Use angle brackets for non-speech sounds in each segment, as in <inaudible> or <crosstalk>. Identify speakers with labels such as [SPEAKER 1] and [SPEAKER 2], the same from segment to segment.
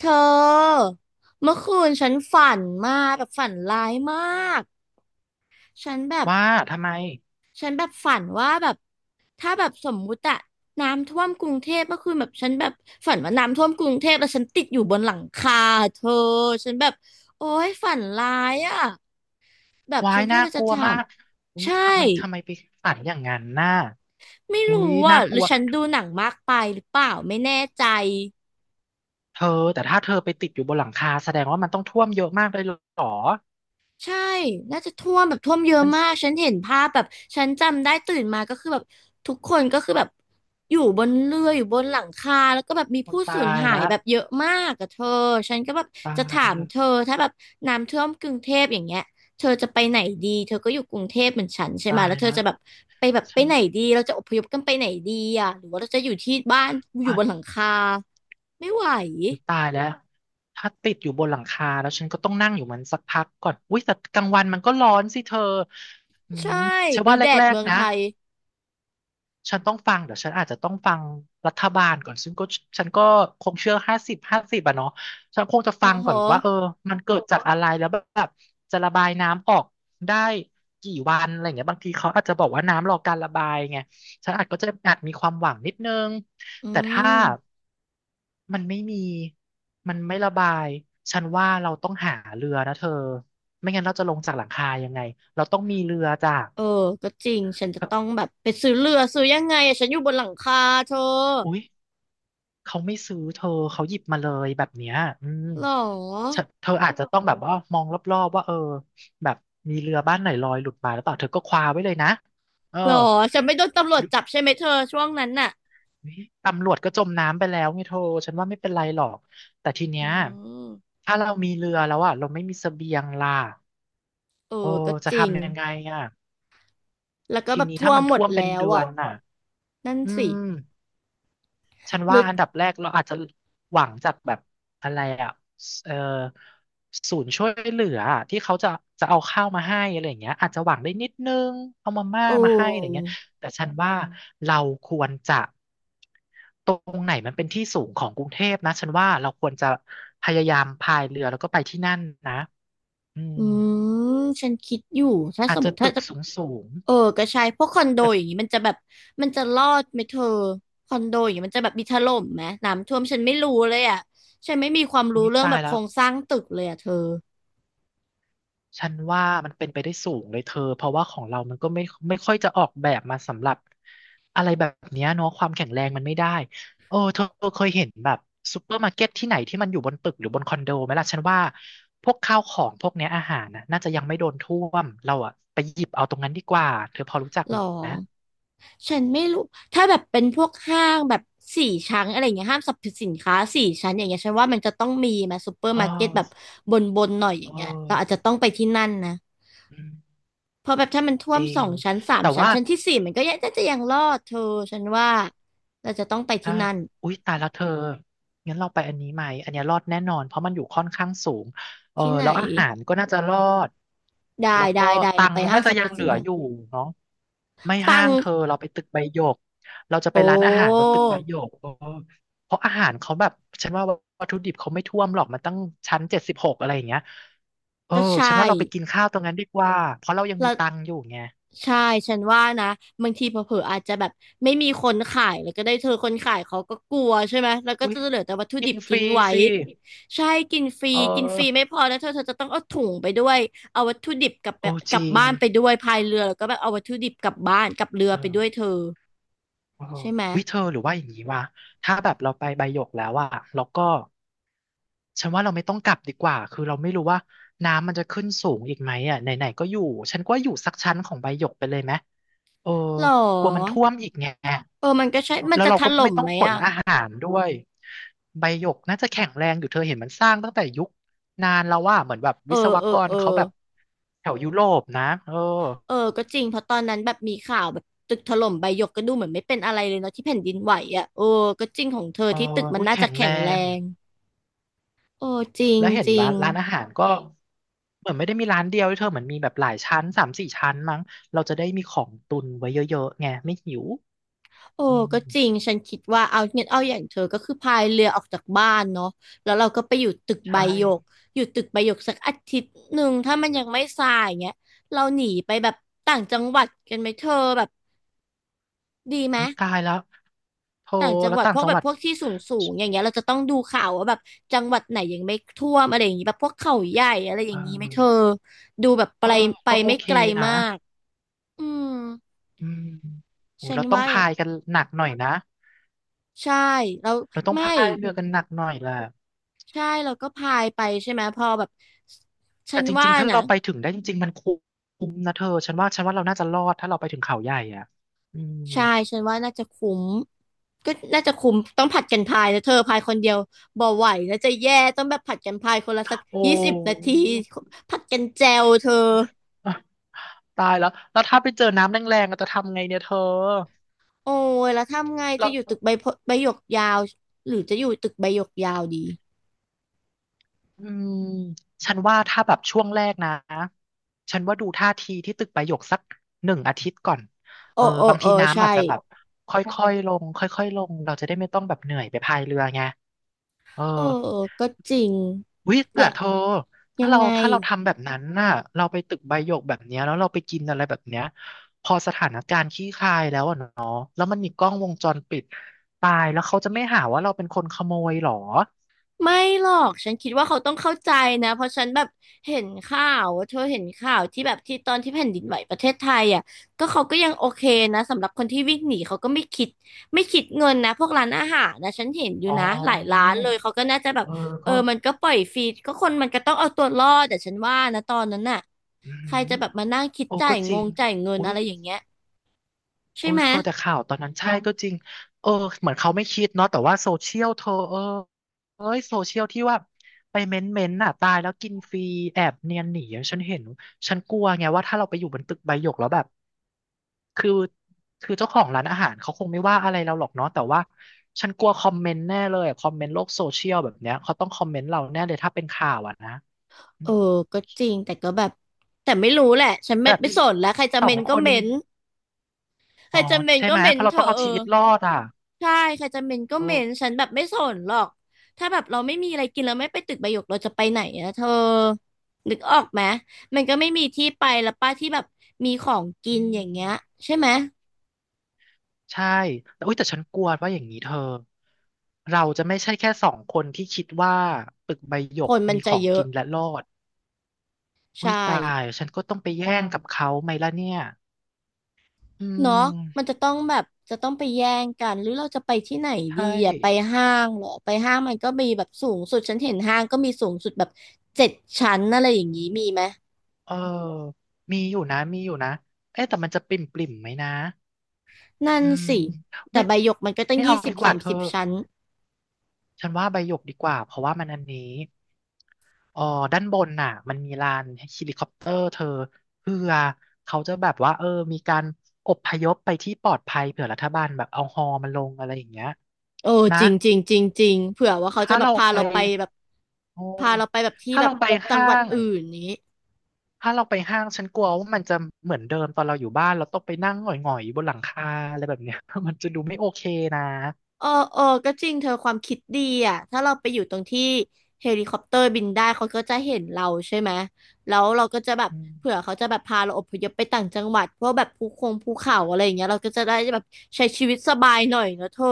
[SPEAKER 1] เธอเมื่อคืนฉันฝันมากแบบฝันร้ายมากฉันแบบ
[SPEAKER 2] ว่าทำไม
[SPEAKER 1] ฉันแบบฝันว่าแบบถ้าแบบสมมุติอะน้ำท่วมกรุงเทพเมื่อคืนแบบฉันแบบฝันว่าน้ำท่วมกรุงเทพแล้วฉันติดอยู่บนหลังคาเธอฉันแบบโอ๊ยฝันร้ายอะแบบ
[SPEAKER 2] วา
[SPEAKER 1] ฉั
[SPEAKER 2] ย
[SPEAKER 1] นก็
[SPEAKER 2] น่า
[SPEAKER 1] เลย
[SPEAKER 2] ก
[SPEAKER 1] จะ
[SPEAKER 2] ลัว
[SPEAKER 1] ถา
[SPEAKER 2] มา
[SPEAKER 1] ม
[SPEAKER 2] กอุ้ย
[SPEAKER 1] ใช่
[SPEAKER 2] ทำไมไปฝันอย่างนั้นน่ะ
[SPEAKER 1] ไม่
[SPEAKER 2] อุ้ย
[SPEAKER 1] รู้
[SPEAKER 2] น่า
[SPEAKER 1] อ่ะห
[SPEAKER 2] ก
[SPEAKER 1] รื
[SPEAKER 2] ลั
[SPEAKER 1] อ
[SPEAKER 2] ว
[SPEAKER 1] ฉันดูหนังมากไปหรือเปล่าไม่แน่ใจ
[SPEAKER 2] เธอแต่ถ้าเธอไปติดอยู่บนหลังคาแสดงว่ามันต้องท่วมเยอะมากเลยเหรอ
[SPEAKER 1] ใช่น่าจะท่วมแบบท่วมเยอะ
[SPEAKER 2] มัน
[SPEAKER 1] มากฉันเห็นภาพแบบ ฉันจำได้ตื่นมาก็คือแบบทุกคนก็คือแบบอยู่บนเรืออยู่บนหลังคาแล้วก็แบบมี
[SPEAKER 2] โอ้
[SPEAKER 1] ผู้
[SPEAKER 2] ตา
[SPEAKER 1] สูญ
[SPEAKER 2] ย
[SPEAKER 1] หาย
[SPEAKER 2] ละ
[SPEAKER 1] แบบเยอะมากอะเธอฉันก็แบบ
[SPEAKER 2] ตา
[SPEAKER 1] จะถา
[SPEAKER 2] ย
[SPEAKER 1] ม
[SPEAKER 2] ละ
[SPEAKER 1] เธอถ้าแบบน้ำท่วมกรุงเทพอย่างเงี้ยเธอจะไปไหนดี เธอก็อยู่กรุงเทพเหมือนฉันใช่ไหม
[SPEAKER 2] ตาย
[SPEAKER 1] แล้วเธอ
[SPEAKER 2] ละ
[SPEAKER 1] จะแบบไปแบบไป
[SPEAKER 2] ฉัน
[SPEAKER 1] ไหนดีเราจะอพยพกันไปไหนดีอะหรือว่าเราจะอยู่ที่บ้านอยู่บนหลัง
[SPEAKER 2] อ่ะ
[SPEAKER 1] คาไม่ไหว
[SPEAKER 2] อุ้ยตายแล้วถ้าติดอยู่บนหลังคาแล้วฉันก็ต้องนั่งอยู่มันสักพักก่อนอุ้ยแต่กลางวันมันก็ร้อนสิเธออื
[SPEAKER 1] ใช
[SPEAKER 2] ม
[SPEAKER 1] ่
[SPEAKER 2] ฉัน
[SPEAKER 1] ดู
[SPEAKER 2] ว่า
[SPEAKER 1] แดด
[SPEAKER 2] แรก
[SPEAKER 1] เมือง
[SPEAKER 2] ๆนะ
[SPEAKER 1] ไทย
[SPEAKER 2] ฉันต้องฟังเดี๋ยวฉันอาจจะต้องฟังรัฐบาลก่อนซึ่งก็ฉันก็คงเชื่อห้าสิบห้าสิบอะเนาะฉันคงจะ
[SPEAKER 1] อ๋อ
[SPEAKER 2] ฟัง
[SPEAKER 1] โห
[SPEAKER 2] ก่อนว่าเออมันเกิดจากอะไรแล้วแบบจะระบายน้ำออกได้กี่วันอะไรเงี้ยบางทีเขาอาจจะบอกว่าน้ำรอการระบายไงฉันอาจก็จะอาจมีความหวังนิดนึง
[SPEAKER 1] อื
[SPEAKER 2] แต่ถ้า
[SPEAKER 1] ม
[SPEAKER 2] มันไม่มีมันไม่ระบายฉันว่าเราต้องหาเรือนะเธอไม่งั้นเราจะลงจากหลังคายังไงเราต้องมีเรือจาก
[SPEAKER 1] เออก็จริงฉันจะต้องแบบไปซื้อเรือซื้อยังไงอะฉันอยู่บนหลังคาเธอ
[SPEAKER 2] อุ๊ย เขาไม่ซื้อเธอเขาหยิบมาเลยแบบเนี้ยอืม
[SPEAKER 1] หรอ
[SPEAKER 2] เธอเธออาจจะต้องแบบว่ามองรอบๆว่าเออแบบมีเรือบ้านไหนลอยหลุดมาแล้วเปล่าเธอก็คว้าไว้เลยนะเออ
[SPEAKER 1] หรอฉันไม่โดนตำรว
[SPEAKER 2] ห
[SPEAKER 1] จ
[SPEAKER 2] รือ
[SPEAKER 1] จับใช่ไหมเธอช่วงนั้นน่ะ
[SPEAKER 2] เฮ้ยตำรวจก็จมน้ำไปแล้วไงเธอฉันว่าไม่เป็นไรหรอก แต่ทีเนี้
[SPEAKER 1] อื
[SPEAKER 2] ย
[SPEAKER 1] ม
[SPEAKER 2] ถ้าเรามีเรือแล้วอ่ะเราไม่มีเสบียงล่ะ
[SPEAKER 1] เออ
[SPEAKER 2] โอ้
[SPEAKER 1] ก็
[SPEAKER 2] จะ
[SPEAKER 1] จริง
[SPEAKER 2] ทำยังไงอ่ะ
[SPEAKER 1] แล้วก็
[SPEAKER 2] ที
[SPEAKER 1] แบบ
[SPEAKER 2] นี้
[SPEAKER 1] ทั่
[SPEAKER 2] ถ้า
[SPEAKER 1] ว
[SPEAKER 2] มัน
[SPEAKER 1] หมด
[SPEAKER 2] ท่วมเป็น
[SPEAKER 1] แล้ว
[SPEAKER 2] เดือ
[SPEAKER 1] อ่ะ
[SPEAKER 2] นอ่ะ
[SPEAKER 1] นั่น
[SPEAKER 2] อื
[SPEAKER 1] สิ
[SPEAKER 2] ม ฉัน
[SPEAKER 1] หรื
[SPEAKER 2] ว่า
[SPEAKER 1] อ
[SPEAKER 2] อันดับแรกเราอาจจะหวังจากแบบอะไรอ่ะเออศูนย์ช่วยเหลืออะที่เขาจะเอาข้าวมาให้อะไรอย่างเงี้ยอาจจะหวังได้นิดนึงเอามาม่า
[SPEAKER 1] โอ้
[SPEAKER 2] มาให้อะไรเงี้ยแต่ฉันว่าเราควรจะตรงไหนมันเป็นที่สูงของกรุงเทพนะฉันว่าเราควรจะพยายามพายเรือแล้วก็ไปที่นั่นนะอืม
[SPEAKER 1] อืมฉันคิดอยู่ถ้า
[SPEAKER 2] อา
[SPEAKER 1] ส
[SPEAKER 2] จ
[SPEAKER 1] มม
[SPEAKER 2] จะ
[SPEAKER 1] ติถ้า
[SPEAKER 2] ตึก
[SPEAKER 1] จะ
[SPEAKER 2] สูงสูง
[SPEAKER 1] เออก็ใช่พวกคอนโด
[SPEAKER 2] แต่
[SPEAKER 1] อย่างนี้มันจะแบบมันจะรอดไหมเธอคอนโดอย่างนี้มันจะแบบมีถล่มไหมน้ำท่วมฉันไม่รู้เลยอ่ะฉันไม่มีความรู้
[SPEAKER 2] อุ๊ย
[SPEAKER 1] เรื่อง
[SPEAKER 2] ตา
[SPEAKER 1] แบ
[SPEAKER 2] ย
[SPEAKER 1] บโค
[SPEAKER 2] แล้
[SPEAKER 1] ร
[SPEAKER 2] ว
[SPEAKER 1] งสร้างตึกเลยอ่ะเธอ
[SPEAKER 2] ฉันว่ามันเป็นไปได้สูงเลยเธอเพราะว่าของเรามันก็ไม่ค่อยจะออกแบบมาสำหรับอะไรแบบเนี้ยเนาะความแข็งแรงมันไม่ได้เออเธอเคยเห็นแบบซูเปอร์มาร์เก็ตที่ไหนที่มันอยู่บนตึกหรือบนคอนโดไหมล่ะฉันว่าพวกข้าวของพวกเนี้ยอาหารน่ะน่าจะยังไม่โดนท่วมเราอะไปหยิบเอาตรงนั้นดีกว่าเธอพอรู้จัก
[SPEAKER 1] หรอ
[SPEAKER 2] ไหม
[SPEAKER 1] ฉันไม่รู้ถ้าแบบเป็นพวกห้างแบบสี่ชั้นอะไรอย่างเงี้ยห้างสรรพสินค้าสี่ชั้นอย่างเงี้ยฉันว่ามันจะต้องมีมาซูเปอร์
[SPEAKER 2] เอ
[SPEAKER 1] มาร์เก็ตแบบ
[SPEAKER 2] อ
[SPEAKER 1] บนบนหน่อยอ
[SPEAKER 2] เอ
[SPEAKER 1] ย่า
[SPEAKER 2] อ
[SPEAKER 1] งเงี้ยเราอาจจะต้องไปที่นั่นนะ
[SPEAKER 2] อืม
[SPEAKER 1] เพราะแบบถ้ามันท่ว
[SPEAKER 2] จ
[SPEAKER 1] ม
[SPEAKER 2] ริ
[SPEAKER 1] ส
[SPEAKER 2] ง
[SPEAKER 1] องชั้นสาม
[SPEAKER 2] แต่
[SPEAKER 1] ชั้น
[SPEAKER 2] ว่า
[SPEAKER 1] ชั้นที่สี่มันก็ยังจะยังรอดเธอฉันว่าเราจะต้องไป
[SPEAKER 2] ใช่
[SPEAKER 1] ที่นั่น
[SPEAKER 2] อุ๊ยตายแล้วเธอ งั้นเราไปอันนี้ไหมอันเนี้ยรอดแน่นอนเพราะมันอยู่ค่อนข้างสูงเออ
[SPEAKER 1] ที่ไหน
[SPEAKER 2] แล้วอาหารก็น่าจะรอด
[SPEAKER 1] ได้
[SPEAKER 2] แล้ว
[SPEAKER 1] ได้
[SPEAKER 2] ก็
[SPEAKER 1] ได้
[SPEAKER 2] ตั
[SPEAKER 1] เรา
[SPEAKER 2] ง
[SPEAKER 1] ไป
[SPEAKER 2] ค์เรา
[SPEAKER 1] ห้าง
[SPEAKER 2] น่า
[SPEAKER 1] ส
[SPEAKER 2] จะ
[SPEAKER 1] รร
[SPEAKER 2] ยั
[SPEAKER 1] พ
[SPEAKER 2] งเห
[SPEAKER 1] สิ
[SPEAKER 2] ลื
[SPEAKER 1] น
[SPEAKER 2] ออยู่
[SPEAKER 1] ค้า
[SPEAKER 2] เนาะไม่
[SPEAKER 1] ตั
[SPEAKER 2] ห้า
[SPEAKER 1] ง
[SPEAKER 2] งเธอเราไปตึกใบหยกเราจะไป
[SPEAKER 1] โอ้
[SPEAKER 2] ร้านอาหารบนตึกใบหยกเออเพราะอาหารเขาแบบฉันว่าวัตถุดิบเขาไม่ท่วมหรอกมันตั้งชั้น 76อะไรอย่างเงี้ย เออ
[SPEAKER 1] ก็ใช
[SPEAKER 2] ฉัน
[SPEAKER 1] ่
[SPEAKER 2] ว่าเราไปกินข้าวตรงนั้นดีกว่าเพราะเรายังมี
[SPEAKER 1] แล้ว
[SPEAKER 2] ตังค์อยู่ไง
[SPEAKER 1] ใช่ฉันว่านะบางทีเผลอๆอาจจะแบบไม่มีคนขายแล้วก็ได้เธอคนขายเขาก็กลัวใช่ไหมแล้วก็
[SPEAKER 2] อุ้
[SPEAKER 1] จะ
[SPEAKER 2] ย
[SPEAKER 1] เหลือแต่วัตถุ
[SPEAKER 2] กิ
[SPEAKER 1] ดิ
[SPEAKER 2] น
[SPEAKER 1] บ
[SPEAKER 2] ฟ
[SPEAKER 1] ทิ้
[SPEAKER 2] รี
[SPEAKER 1] งไว้
[SPEAKER 2] สิ
[SPEAKER 1] ใช่กินฟรี
[SPEAKER 2] เอ
[SPEAKER 1] กินฟรี
[SPEAKER 2] อ
[SPEAKER 1] ไม่พอนะเธอเธอจะต้องเอาถุงไปด้วยเอาวัตถุดิบกลับไป
[SPEAKER 2] โอ้
[SPEAKER 1] ก
[SPEAKER 2] จ
[SPEAKER 1] ลับ
[SPEAKER 2] ริง
[SPEAKER 1] บ้านไปด้วยพายเรือแล้วก็แบบเอาวัตถุดิบกลับบ้านกลับเรือ
[SPEAKER 2] เอ
[SPEAKER 1] ไปด้วยเธ
[SPEAKER 2] อ
[SPEAKER 1] อ
[SPEAKER 2] เออ
[SPEAKER 1] ใช่ไหม
[SPEAKER 2] เฮเธอหรือว่าอย่างนี้วะถ้าแบบเราไปใบหยกแล้วอะเราก็ฉันว่าเราไม่ต้องกลับดีกว่าคือเราไม่รู้ว่าน้ำมันจะขึ้นสูงอีกไหมอะไหนๆก็อยู่ฉันก็อยู่สักชั้นของใบหยกไปเลยไหมเออ
[SPEAKER 1] หรอ
[SPEAKER 2] กลัวมันท่วมอีกไง
[SPEAKER 1] เออมันก็ใช่มัน
[SPEAKER 2] แล้ว
[SPEAKER 1] จะ
[SPEAKER 2] เรา
[SPEAKER 1] ถ
[SPEAKER 2] ก็
[SPEAKER 1] ล่
[SPEAKER 2] ไม่
[SPEAKER 1] ม
[SPEAKER 2] ต้อ
[SPEAKER 1] ไห
[SPEAKER 2] ง
[SPEAKER 1] ม
[SPEAKER 2] ขน
[SPEAKER 1] อ่ะ
[SPEAKER 2] อาหารด้วยใบหยกน่าจะแข็งแรงอยู่เธอเห็นมันสร้างตั้งแต่ยุคนานแล้วว่าเหมือนแบบ
[SPEAKER 1] เอ
[SPEAKER 2] วิศ
[SPEAKER 1] อ
[SPEAKER 2] ว
[SPEAKER 1] เออ
[SPEAKER 2] กร
[SPEAKER 1] เออ
[SPEAKER 2] เขาแบบแถวยุโรปนะเออ
[SPEAKER 1] เออก็จริงเพราะตอนนั้นแบบมีข่าวแบบตึกถล่มใบหยกก็ดูเหมือนไม่เป็นอะไรเลยเนาะที่แผ่นดินไหวอ่ะโอ้ก็จริงของเธอ
[SPEAKER 2] เออ
[SPEAKER 1] ที่ตึกมัน
[SPEAKER 2] อุ้ย
[SPEAKER 1] น่า
[SPEAKER 2] แข็
[SPEAKER 1] จะ
[SPEAKER 2] ง
[SPEAKER 1] แข็
[SPEAKER 2] แร
[SPEAKER 1] งแร
[SPEAKER 2] ง
[SPEAKER 1] งโอ้จริง
[SPEAKER 2] แล้วเห็น
[SPEAKER 1] จริ
[SPEAKER 2] ร้า
[SPEAKER 1] ง
[SPEAKER 2] นร้านอาหารก็เหมือนไม่ได้มีร้านเดียวด้วยเธอเหมือนมีแบบหลายชั้นสามสี่ชั้นมั้งเราจะได้มีของตุนไว้เยอะๆไงไม่หิว
[SPEAKER 1] โอ้
[SPEAKER 2] อื
[SPEAKER 1] ก็จริง
[SPEAKER 2] ม
[SPEAKER 1] ฉันคิดว่าเอาเงี้ยเอาอย่างเธอก็คือพายเรือออกจากบ้านเนาะแล้วเราก็ไปอยู่ตึกใบ
[SPEAKER 2] ใช่
[SPEAKER 1] หยกอยู่ตึกใบหยกสักอาทิตย์หนึ่งถ้ามันยังไม่ทรายเงี้ยเราหนีไปแบบต่างจังหวัดกันไหมเธอแบบดีไหม
[SPEAKER 2] วิตายแล้วโทร
[SPEAKER 1] ต่างจัง
[SPEAKER 2] แล้
[SPEAKER 1] ห
[SPEAKER 2] ว
[SPEAKER 1] วัด
[SPEAKER 2] ต่า
[SPEAKER 1] พ
[SPEAKER 2] ง
[SPEAKER 1] วก
[SPEAKER 2] จัง
[SPEAKER 1] แบ
[SPEAKER 2] ห
[SPEAKER 1] บ
[SPEAKER 2] วัด
[SPEAKER 1] พวกที่สูงสูงอย่างเงี้ยเราจะต้องดูข่าวว่าแบบจังหวัดไหนยังไม่ท่วมอะไรอย่างงี้แบบพวกเขาใหญ่อะไรอ
[SPEAKER 2] เอ
[SPEAKER 1] ย่างงี้ไหมเธอ
[SPEAKER 2] อ
[SPEAKER 1] ดูแบบไป
[SPEAKER 2] เออ
[SPEAKER 1] ไป
[SPEAKER 2] ก็โอ
[SPEAKER 1] ไม่
[SPEAKER 2] เค
[SPEAKER 1] ไกล
[SPEAKER 2] นะ
[SPEAKER 1] มากอืม
[SPEAKER 2] อืมโห
[SPEAKER 1] ฉัน
[SPEAKER 2] เราต้อง
[SPEAKER 1] ว่า
[SPEAKER 2] พายกันหนักหน่อยนะ
[SPEAKER 1] ใช่แล้ว
[SPEAKER 2] เราต้อง
[SPEAKER 1] ไม่
[SPEAKER 2] พายเรือกันหนักหน่อยแหละ
[SPEAKER 1] ใช่เราก็พายไปใช่ไหมพอแบบฉั
[SPEAKER 2] แต่
[SPEAKER 1] น
[SPEAKER 2] จริ
[SPEAKER 1] ว่า
[SPEAKER 2] งๆถ้า
[SPEAKER 1] นะ
[SPEAKER 2] เราไปถึงได้จริงๆมันคุ้มนะเธอฉันว่าเราน่าจะรอดถ้าเราไปถึงเขาใหญ่อ่ะอืม
[SPEAKER 1] ใช่ฉันว่าน่าจะคุ้มก็น่าจะคุ้มต้องผัดกันพายนะเธอพายคนเดียวบ่ไหวนะจะแย่ต้องแบบผัดกันพายคนละสัก
[SPEAKER 2] โอ้
[SPEAKER 1] 20 นาทีผัดกันแจวเธอ
[SPEAKER 2] <laughs> ตายแล้วแล้วถ้าไปเจอน้ำแรงๆเราจะทำไงเนี่ยเธอ
[SPEAKER 1] โอ้ยแล้วทำไง
[SPEAKER 2] แล้
[SPEAKER 1] จะ
[SPEAKER 2] ว
[SPEAKER 1] อยู่ตึกใบพใบหยกยาวหรือจะอยู่ตึกใบหยกยาวดี
[SPEAKER 2] อืมฉันว่าถ้าแบบช่วงแรกนะฉันว่าดูท่าทีที่ตึกประโยคสักหนึ่งอาทิตย์ก่อน
[SPEAKER 1] โอ้
[SPEAKER 2] เออ
[SPEAKER 1] โอ้
[SPEAKER 2] บาง
[SPEAKER 1] เอ
[SPEAKER 2] ที
[SPEAKER 1] อ
[SPEAKER 2] น้ำ
[SPEAKER 1] ใช่
[SPEAKER 2] อาจจะแบบค่อยๆลงค่อยๆลงเราจะได้ไม่ต้องแบบเหนื่อยไปพายเรือไงเออ
[SPEAKER 1] เออก็จริง
[SPEAKER 2] วิแต่
[SPEAKER 1] ละ
[SPEAKER 2] เธอ
[SPEAKER 1] ยั
[SPEAKER 2] ถ้า
[SPEAKER 1] ง
[SPEAKER 2] เรา
[SPEAKER 1] ไง
[SPEAKER 2] ถ้าเราทำแบบนั้นน่ะเราไปตึกใบหยกแบบเนี้ยแล้วเราไปกินอะไรแบบเนี้ยพอสถานการณ์ขี้คายแล้วอะเนาะแล้วมันมีกล้องวงจรปิดตายแล้วเขาจะไม่หาว่าเราเป็นคนขโมยหรอ
[SPEAKER 1] ไม่หรอกฉันคิดว่าเขาต้องเข้าใจนะเพราะฉันแบบเห็นข่าวว่าเธอเห็นข่าวที่แบบที่ตอนที่แผ่นดินไหวประเทศไทยอ่ะก็เขาก็ยังโอเคนะสำหรับคนที่วิ่งหนีเขาก็ไม่คิดเงินนะพวกร้านอาหารนะฉันเห็นอยู่
[SPEAKER 2] อ๋อ
[SPEAKER 1] นะหลายร้านเลยเขาก็น่าจะแบบ
[SPEAKER 2] เออ
[SPEAKER 1] เอ
[SPEAKER 2] ก็
[SPEAKER 1] อมันก็ปล่อยฟรีก็คนมันก็ต้องเอาตัวรอดแต่ฉันว่านะตอนนั้นน่ะ
[SPEAKER 2] อื
[SPEAKER 1] ใคร
[SPEAKER 2] ม
[SPEAKER 1] จะแบบมานั่งคิด
[SPEAKER 2] โอ้
[SPEAKER 1] จ่า
[SPEAKER 2] ก็
[SPEAKER 1] ย
[SPEAKER 2] จ
[SPEAKER 1] ง
[SPEAKER 2] ริง
[SPEAKER 1] งจ่ายเงิน
[SPEAKER 2] อุ๊
[SPEAKER 1] อะ
[SPEAKER 2] ย
[SPEAKER 1] ไรอย่างเงี้ยใช่
[SPEAKER 2] โอ้
[SPEAKER 1] ไหม
[SPEAKER 2] เธอแต่ข่าวตอนนั้นใช่ก็จริงเออเหมือนเขาไม่คิดเนาะแต่ว่าโซเชียลเธอเออเอ้ยโซเชียลที่ว่าไปเม้นน่ะตายแล้วกินฟรีแอบเนียนหนีอะฉันเห็นฉันกลัวไงว่าถ้าเราไปอยู่บนตึกใบหยกแล้วแบบคือคือเจ้าของร้านอาหารเขาคงไม่ว่าอะไรเราหรอกเนาะแต่ว่าฉันกลัวคอมเมนต์แน่เลยอะคอมเมนต์โลกโซเชียลแบบเนี้ยเขาต้องคอมเมนต์เราแน่เลยถ้าเป็นข่าวอ่ะนะอื
[SPEAKER 1] เออ
[SPEAKER 2] ม
[SPEAKER 1] ก็จริงแต่ก็แบบแต่ไม่รู้แหละฉัน
[SPEAKER 2] แบ
[SPEAKER 1] ไม่
[SPEAKER 2] บ
[SPEAKER 1] ไม่สนแล้วใครจะ
[SPEAKER 2] ส
[SPEAKER 1] เม
[SPEAKER 2] อง
[SPEAKER 1] น
[SPEAKER 2] ค
[SPEAKER 1] ก็
[SPEAKER 2] น
[SPEAKER 1] เมนใค
[SPEAKER 2] อ๋
[SPEAKER 1] ร
[SPEAKER 2] อ
[SPEAKER 1] จะเมน
[SPEAKER 2] ใช่
[SPEAKER 1] ก็
[SPEAKER 2] ไหม
[SPEAKER 1] เม
[SPEAKER 2] เพ
[SPEAKER 1] น
[SPEAKER 2] ราะเรา
[SPEAKER 1] เธ
[SPEAKER 2] ต้อง
[SPEAKER 1] อะ
[SPEAKER 2] เอา
[SPEAKER 1] เอ
[SPEAKER 2] ชี
[SPEAKER 1] อ
[SPEAKER 2] วิตรอดอ่ะ
[SPEAKER 1] ใช่ใครจะเมนก็
[SPEAKER 2] เอ
[SPEAKER 1] เม
[SPEAKER 2] อ
[SPEAKER 1] นฉันแบบไม่สนหรอกถ้าแบบเราไม่มีอะไรกินเราไม่ไปตึกใบหยกเราจะไปไหนอะเธอนึกออกไหมมันก็ไม่มีที่ไปแล้วป้าที่แบบมีของกิ
[SPEAKER 2] อื
[SPEAKER 1] นอย่าง
[SPEAKER 2] ม
[SPEAKER 1] เงี้ยใช่ไหม
[SPEAKER 2] ใช่แต่อุ๊ยแต่ฉันกลัวว่าอย่างนี้เธอเราจะไม่ใช่แค่สองคนที่คิดว่าตึกใบหย
[SPEAKER 1] ค
[SPEAKER 2] ก
[SPEAKER 1] นมัน
[SPEAKER 2] มีข
[SPEAKER 1] จะ
[SPEAKER 2] อง
[SPEAKER 1] เยอะ
[SPEAKER 2] กินและรอด
[SPEAKER 1] ใ
[SPEAKER 2] อุ๊ยตา
[SPEAKER 1] ช่
[SPEAKER 2] ยฉันก็ต้องไปแย่งกับเขาไหมล่ะเนี่ยอื
[SPEAKER 1] เนาะมัน
[SPEAKER 2] ม
[SPEAKER 1] จะต้องแบบจะต้องไปแย่งกันหรือเราจะไปที่ไหนดี
[SPEAKER 2] ใช่
[SPEAKER 1] อ่ะไปห้างเหรอไปห้างมันก็มีแบบสูงสุดฉันเห็นห้างก็มีสูงสุดแบบ7 ชั้นอะไรอย่างนี้มีไหม
[SPEAKER 2] เออมีอยู่นะมีอยู่นะเอ๊ะแต่มันจะปริ่มปริ่มไหมนะ
[SPEAKER 1] นั่น
[SPEAKER 2] อืม
[SPEAKER 1] สิแต่
[SPEAKER 2] ไม่
[SPEAKER 1] ใบหยกมันก็ตั้ง
[SPEAKER 2] ไม่เอา
[SPEAKER 1] ยี่สิบ
[SPEAKER 2] ดีก
[SPEAKER 1] สา
[SPEAKER 2] ว่า
[SPEAKER 1] ม
[SPEAKER 2] เธอ
[SPEAKER 1] สิบชั้น
[SPEAKER 2] ฉันว่าใบหยกดีกว่าเพราะว่ามันอันนี้อ๋อด้านบนน่ะมันมีลานเฮลิคอปเตอร์เธอเพื่อเขาจะแบบว่าเออมีการอพยพไปที่ปลอดภัยเผื่อรัฐบาลแบบเอาฮอมันลงอะไรอย่างเงี้ย
[SPEAKER 1] โอ้
[SPEAKER 2] นะ
[SPEAKER 1] จริงจริงจริงจริงเผื่อว่าเขาจะ
[SPEAKER 2] ถ้า
[SPEAKER 1] แบบ
[SPEAKER 2] เรา
[SPEAKER 1] พา
[SPEAKER 2] ไป
[SPEAKER 1] เราไปแบบ
[SPEAKER 2] โอ้
[SPEAKER 1] พาเราไปแบบที่
[SPEAKER 2] ถ้า
[SPEAKER 1] แบบ
[SPEAKER 2] เราไป
[SPEAKER 1] จัง
[SPEAKER 2] ห้า
[SPEAKER 1] หวัด
[SPEAKER 2] ง
[SPEAKER 1] อื่นนี้
[SPEAKER 2] ถ้าเราไปห้างฉันกลัวว่ามันจะเหมือนเดิมตอนเราอยู่บ้านเราต้องไปนั่งหงอยๆบนหลังคาอะไรแบบเนี้ย <laughs> มันจะดูไม่โอเคนะ
[SPEAKER 1] เออเออก็จริงเธอความคิดดีอ่ะถ้าเราไปอยู่ตรงที่เฮลิคอปเตอร์บินได้เขาก็จะเห็นเราใช่ไหม แล้วเราก็จะแบบ
[SPEAKER 2] อืม
[SPEAKER 1] เผื่อเขาจะแบบพาเราอพยพไปต่างจังหวัด เพราะแบบภูคงภูเขาอะไรอย่างเงี้ยเราก็จะได้แบบใช้ชีวิตสบายหน่อยเนอะเธอ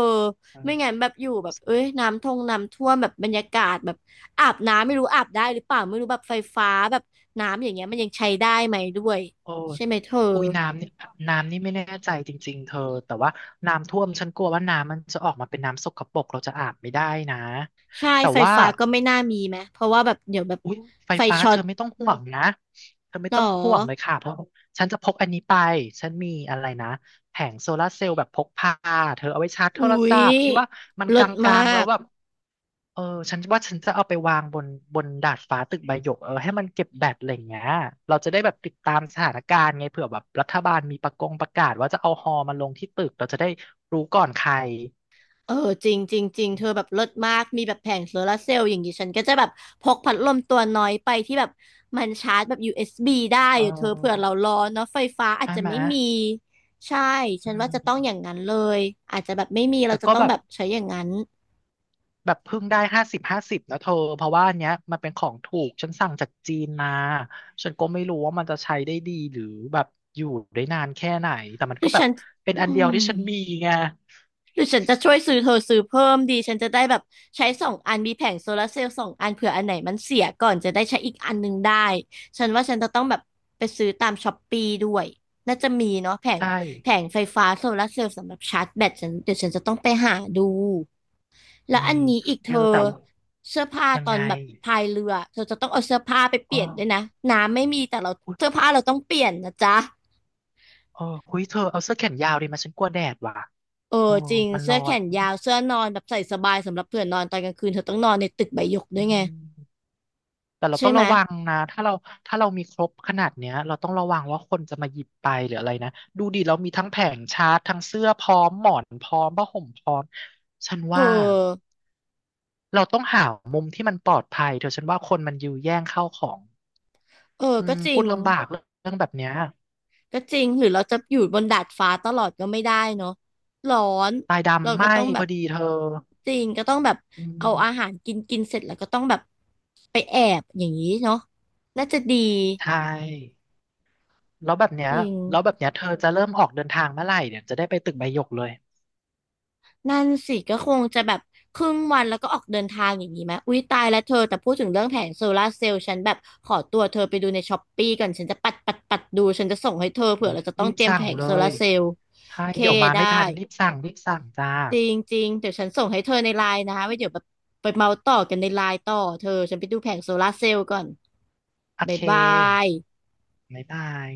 [SPEAKER 1] ไม่งั้นแบบอยู่แบบเอ้ยน้ำท่วมน้ำท่วมแบบบรรยากาศแบบอาบน้ำไม่รู้อาบได้หรือเปล่าไม่รู้แบบไฟฟ้าแบบน้ำอย่างเงี้ยมันยังใช้ได้ไหมด้วย
[SPEAKER 2] โอ้ย
[SPEAKER 1] ใช่ไหมเธอ
[SPEAKER 2] อุ้ยน้ำนี่ไม่แน่ใจจริงๆเธอแต่ว่าน้ำท่วมฉันกลัวว่าน้ำมันจะออกมาเป็นน้ำสกปรกเราจะอาบไม่ได้นะ
[SPEAKER 1] ใช่
[SPEAKER 2] แต่
[SPEAKER 1] ไฟ
[SPEAKER 2] ว่า
[SPEAKER 1] ฟ้าก็ไม่น่ามีไหมเพราะว่าแบบเดี๋ยวแบบ
[SPEAKER 2] อุ้ยไฟ
[SPEAKER 1] ไฟ
[SPEAKER 2] ฟ้า
[SPEAKER 1] ช็อ
[SPEAKER 2] เธ
[SPEAKER 1] ต
[SPEAKER 2] อไม่ต้องห่วงนะเธอไม่
[SPEAKER 1] หรอ
[SPEAKER 2] ต้องห่วงเลยค่ะเพราะฉันจะพกอันนี้ไปฉันมีอะไรนะแผงโซลาร์เซลล์แบบพกพาเธอเอาไว้ชาร์จโท
[SPEAKER 1] อุ๊
[SPEAKER 2] รศั
[SPEAKER 1] ย
[SPEAKER 2] พท์ที่ว่ามันก
[SPEAKER 1] เลิศมา
[SPEAKER 2] ลางๆแล้ว
[SPEAKER 1] ก
[SPEAKER 2] แบบ เออฉันว่าฉันจะเอาไปวางบนดาดฟ้าตึกใบหยกเออให้มันเก็บแบตอะไรอย่างเงี้ยเราจะได้แบบติดตามสถานการณ์ไงเผื่อแบบรัฐบาลมีประกาศว่าจะเอาฮอมาลงที่ตึกเราจะได้รู้ก่อนใคร
[SPEAKER 1] เออจริงจริงจริงเธอแบบเลิศมากมีแบบแผงโซลาร์เซลล์อย่างนี้ฉันก็จะแบบพกพัดลมตัวน้อยไปที่แบบมันชาร์จแบบ USB ได้
[SPEAKER 2] เ
[SPEAKER 1] เดเธอเผื่อ
[SPEAKER 2] ออ
[SPEAKER 1] เราร้อนเนาะไฟฟ้าอาจ
[SPEAKER 2] ใช่
[SPEAKER 1] จะ
[SPEAKER 2] ไหม
[SPEAKER 1] ไม่มีใช่ ฉั
[SPEAKER 2] อื
[SPEAKER 1] นว่าจะต้องอย่าง
[SPEAKER 2] ม
[SPEAKER 1] นั้นเลย อาจจะแบบไม่มีเรา
[SPEAKER 2] แต่
[SPEAKER 1] จะ
[SPEAKER 2] ก็
[SPEAKER 1] ต้อง
[SPEAKER 2] แบ
[SPEAKER 1] แบ
[SPEAKER 2] บ
[SPEAKER 1] บใช้อย่างนั้น
[SPEAKER 2] แบบเพิ่งได้ห้าสิบนะเธอเพราะว่าอันเนี้ยมันเป็นของถูกฉันสั่งจากจีนมาฉันก็ไม่รู้ว่ามันจะใช้ได้ดีหรือแบบอยู่ได้นานแค่ไหนแต่มัน
[SPEAKER 1] คื
[SPEAKER 2] ก็
[SPEAKER 1] อ
[SPEAKER 2] แบ
[SPEAKER 1] ฉั
[SPEAKER 2] บ
[SPEAKER 1] น
[SPEAKER 2] เป็น
[SPEAKER 1] อื
[SPEAKER 2] อันเดียว
[SPEAKER 1] ม
[SPEAKER 2] ที่ฉันมีไง
[SPEAKER 1] หรือฉันจะช่วยซื้อเธอซื้อเพิ่มดีฉันจะได้แบบใช้สองอันมีแผงโซลาร์เซลล์สองอันเผื่ออันไหนมันเสียก่อนจะได้ใช้อีกอันหนึงได้ฉันว่าฉันจะต้องแบบไปซื้อตามช้อปปี้ด้วยน่าจะมีเนาะแผง
[SPEAKER 2] ใช่
[SPEAKER 1] แผงไฟฟ้าโซลาร์เซลล์สำหรับชาร์จแบตฉันเดี๋ยวฉันจะต้องไปหาดูแล้ว
[SPEAKER 2] มี
[SPEAKER 1] อันนี้อีก
[SPEAKER 2] เธ
[SPEAKER 1] เธ
[SPEAKER 2] อ
[SPEAKER 1] อ
[SPEAKER 2] แต่ว่า
[SPEAKER 1] เสื้อผ้า
[SPEAKER 2] ยัง
[SPEAKER 1] ตอ
[SPEAKER 2] ไง
[SPEAKER 1] นแบบพายเรือเธอจะต้องเอาเสื้อผ้าไปเป
[SPEAKER 2] อ้อ
[SPEAKER 1] ลี่ยนด้วยนะน้ำไม่มีแต่เรา
[SPEAKER 2] อุ๊ย
[SPEAKER 1] เสื้อผ้าเราต้องเปลี่ยนนะจ๊ะ
[SPEAKER 2] เออคุยเธอเอาเสื้อแขนยาวดีมาฉันกลัวแดดว่ะ
[SPEAKER 1] เออ
[SPEAKER 2] โอ้
[SPEAKER 1] จริง
[SPEAKER 2] มัน
[SPEAKER 1] เสื้
[SPEAKER 2] ร้
[SPEAKER 1] อ
[SPEAKER 2] อ
[SPEAKER 1] แข
[SPEAKER 2] น
[SPEAKER 1] นยาวเสื้อนอนแบบใส่สบายสำหรับเผื่อนอนตอนกลางคืนเธอต้องนอนในตึกใบหยกด้ว
[SPEAKER 2] อื
[SPEAKER 1] ยไง
[SPEAKER 2] มแต่เรา
[SPEAKER 1] ใช่
[SPEAKER 2] ต้อง
[SPEAKER 1] ไหม
[SPEAKER 2] ระวังนะถ้าเรามีครบขนาดเนี้ยเราต้องระวังว่าคนจะมาหยิบไปหรืออะไรนะดูดิเรามีทั้งแผงชาร์จทั้งเสื้อพร้อมหมอนพร้อมผ้าห่มพร้อมฉัน
[SPEAKER 1] เอ
[SPEAKER 2] ว่า
[SPEAKER 1] อ
[SPEAKER 2] เราต้องหามุมที่มันปลอดภัยเธอฉันว่าคนมันยื้อแย่งเข้าของ
[SPEAKER 1] เออ
[SPEAKER 2] อื
[SPEAKER 1] ก็
[SPEAKER 2] ม
[SPEAKER 1] จริ
[SPEAKER 2] พู
[SPEAKER 1] ง
[SPEAKER 2] ดลำบากเรื่องแบบเนี้ย
[SPEAKER 1] ก็จริงหรือเราจะอยู่บนดาดฟ้าตลอดก็ไม่ได้เนาะร้อน
[SPEAKER 2] ตาย
[SPEAKER 1] เรา
[SPEAKER 2] ดำไห
[SPEAKER 1] ก็
[SPEAKER 2] ม้
[SPEAKER 1] ต้องแบ
[SPEAKER 2] พอ
[SPEAKER 1] บ
[SPEAKER 2] ดีเธอ
[SPEAKER 1] จริงก็ต้องแบบ
[SPEAKER 2] อื
[SPEAKER 1] เอาอาหา
[SPEAKER 2] ม
[SPEAKER 1] รกินกินเสร็จแล้วก็ต้องแบบไปแอบอย่างนี้เนาะน่าจะดี
[SPEAKER 2] ใช่ แล้วแบบเนี้ย
[SPEAKER 1] จริง
[SPEAKER 2] แล้วแบบเนี้ยเธอจะเริ่มออกเดินทางเมื่อไหร่เนี่ย จะได้ไปตึกใบหยกเลย
[SPEAKER 1] นั่นสิก็คงจะแบบครึ่งวันแล้วก็ออกเดินทางอย่างนี้ไหม อุ๊ยตายแล้วเธอแต่พูดถึงเรื่องแผงโซลาร์เซลล์ฉันแบบขอตัวเธอไปดูในช้อปปี้ก่อนฉันจะปัดปัดปัดดูฉันจะส่งให้เธอเผื่
[SPEAKER 2] โอ้
[SPEAKER 1] อ
[SPEAKER 2] ย
[SPEAKER 1] เราจะต้อ
[SPEAKER 2] รี
[SPEAKER 1] ง
[SPEAKER 2] บ
[SPEAKER 1] เตรียม
[SPEAKER 2] สั่
[SPEAKER 1] แผ
[SPEAKER 2] ง
[SPEAKER 1] ง
[SPEAKER 2] เล
[SPEAKER 1] โซลา
[SPEAKER 2] ย
[SPEAKER 1] ร์เซลล์
[SPEAKER 2] ใช่
[SPEAKER 1] เค
[SPEAKER 2] เดี๋ยวมา
[SPEAKER 1] ได้
[SPEAKER 2] ไม่ทัน รีบสั่ง รีบสั่งจ้า
[SPEAKER 1] จริงจริงเดี๋ยวฉันส่งให้เธอในไลน์นะไว้เดี๋ยวแบบไปเมาต่อกันในไลน์ต่อเธอฉันไปดูแผงโซลาร์เซลล์ก่อน
[SPEAKER 2] โอ
[SPEAKER 1] บ๊า
[SPEAKER 2] เค
[SPEAKER 1] ยบาย
[SPEAKER 2] บ๊ายบาย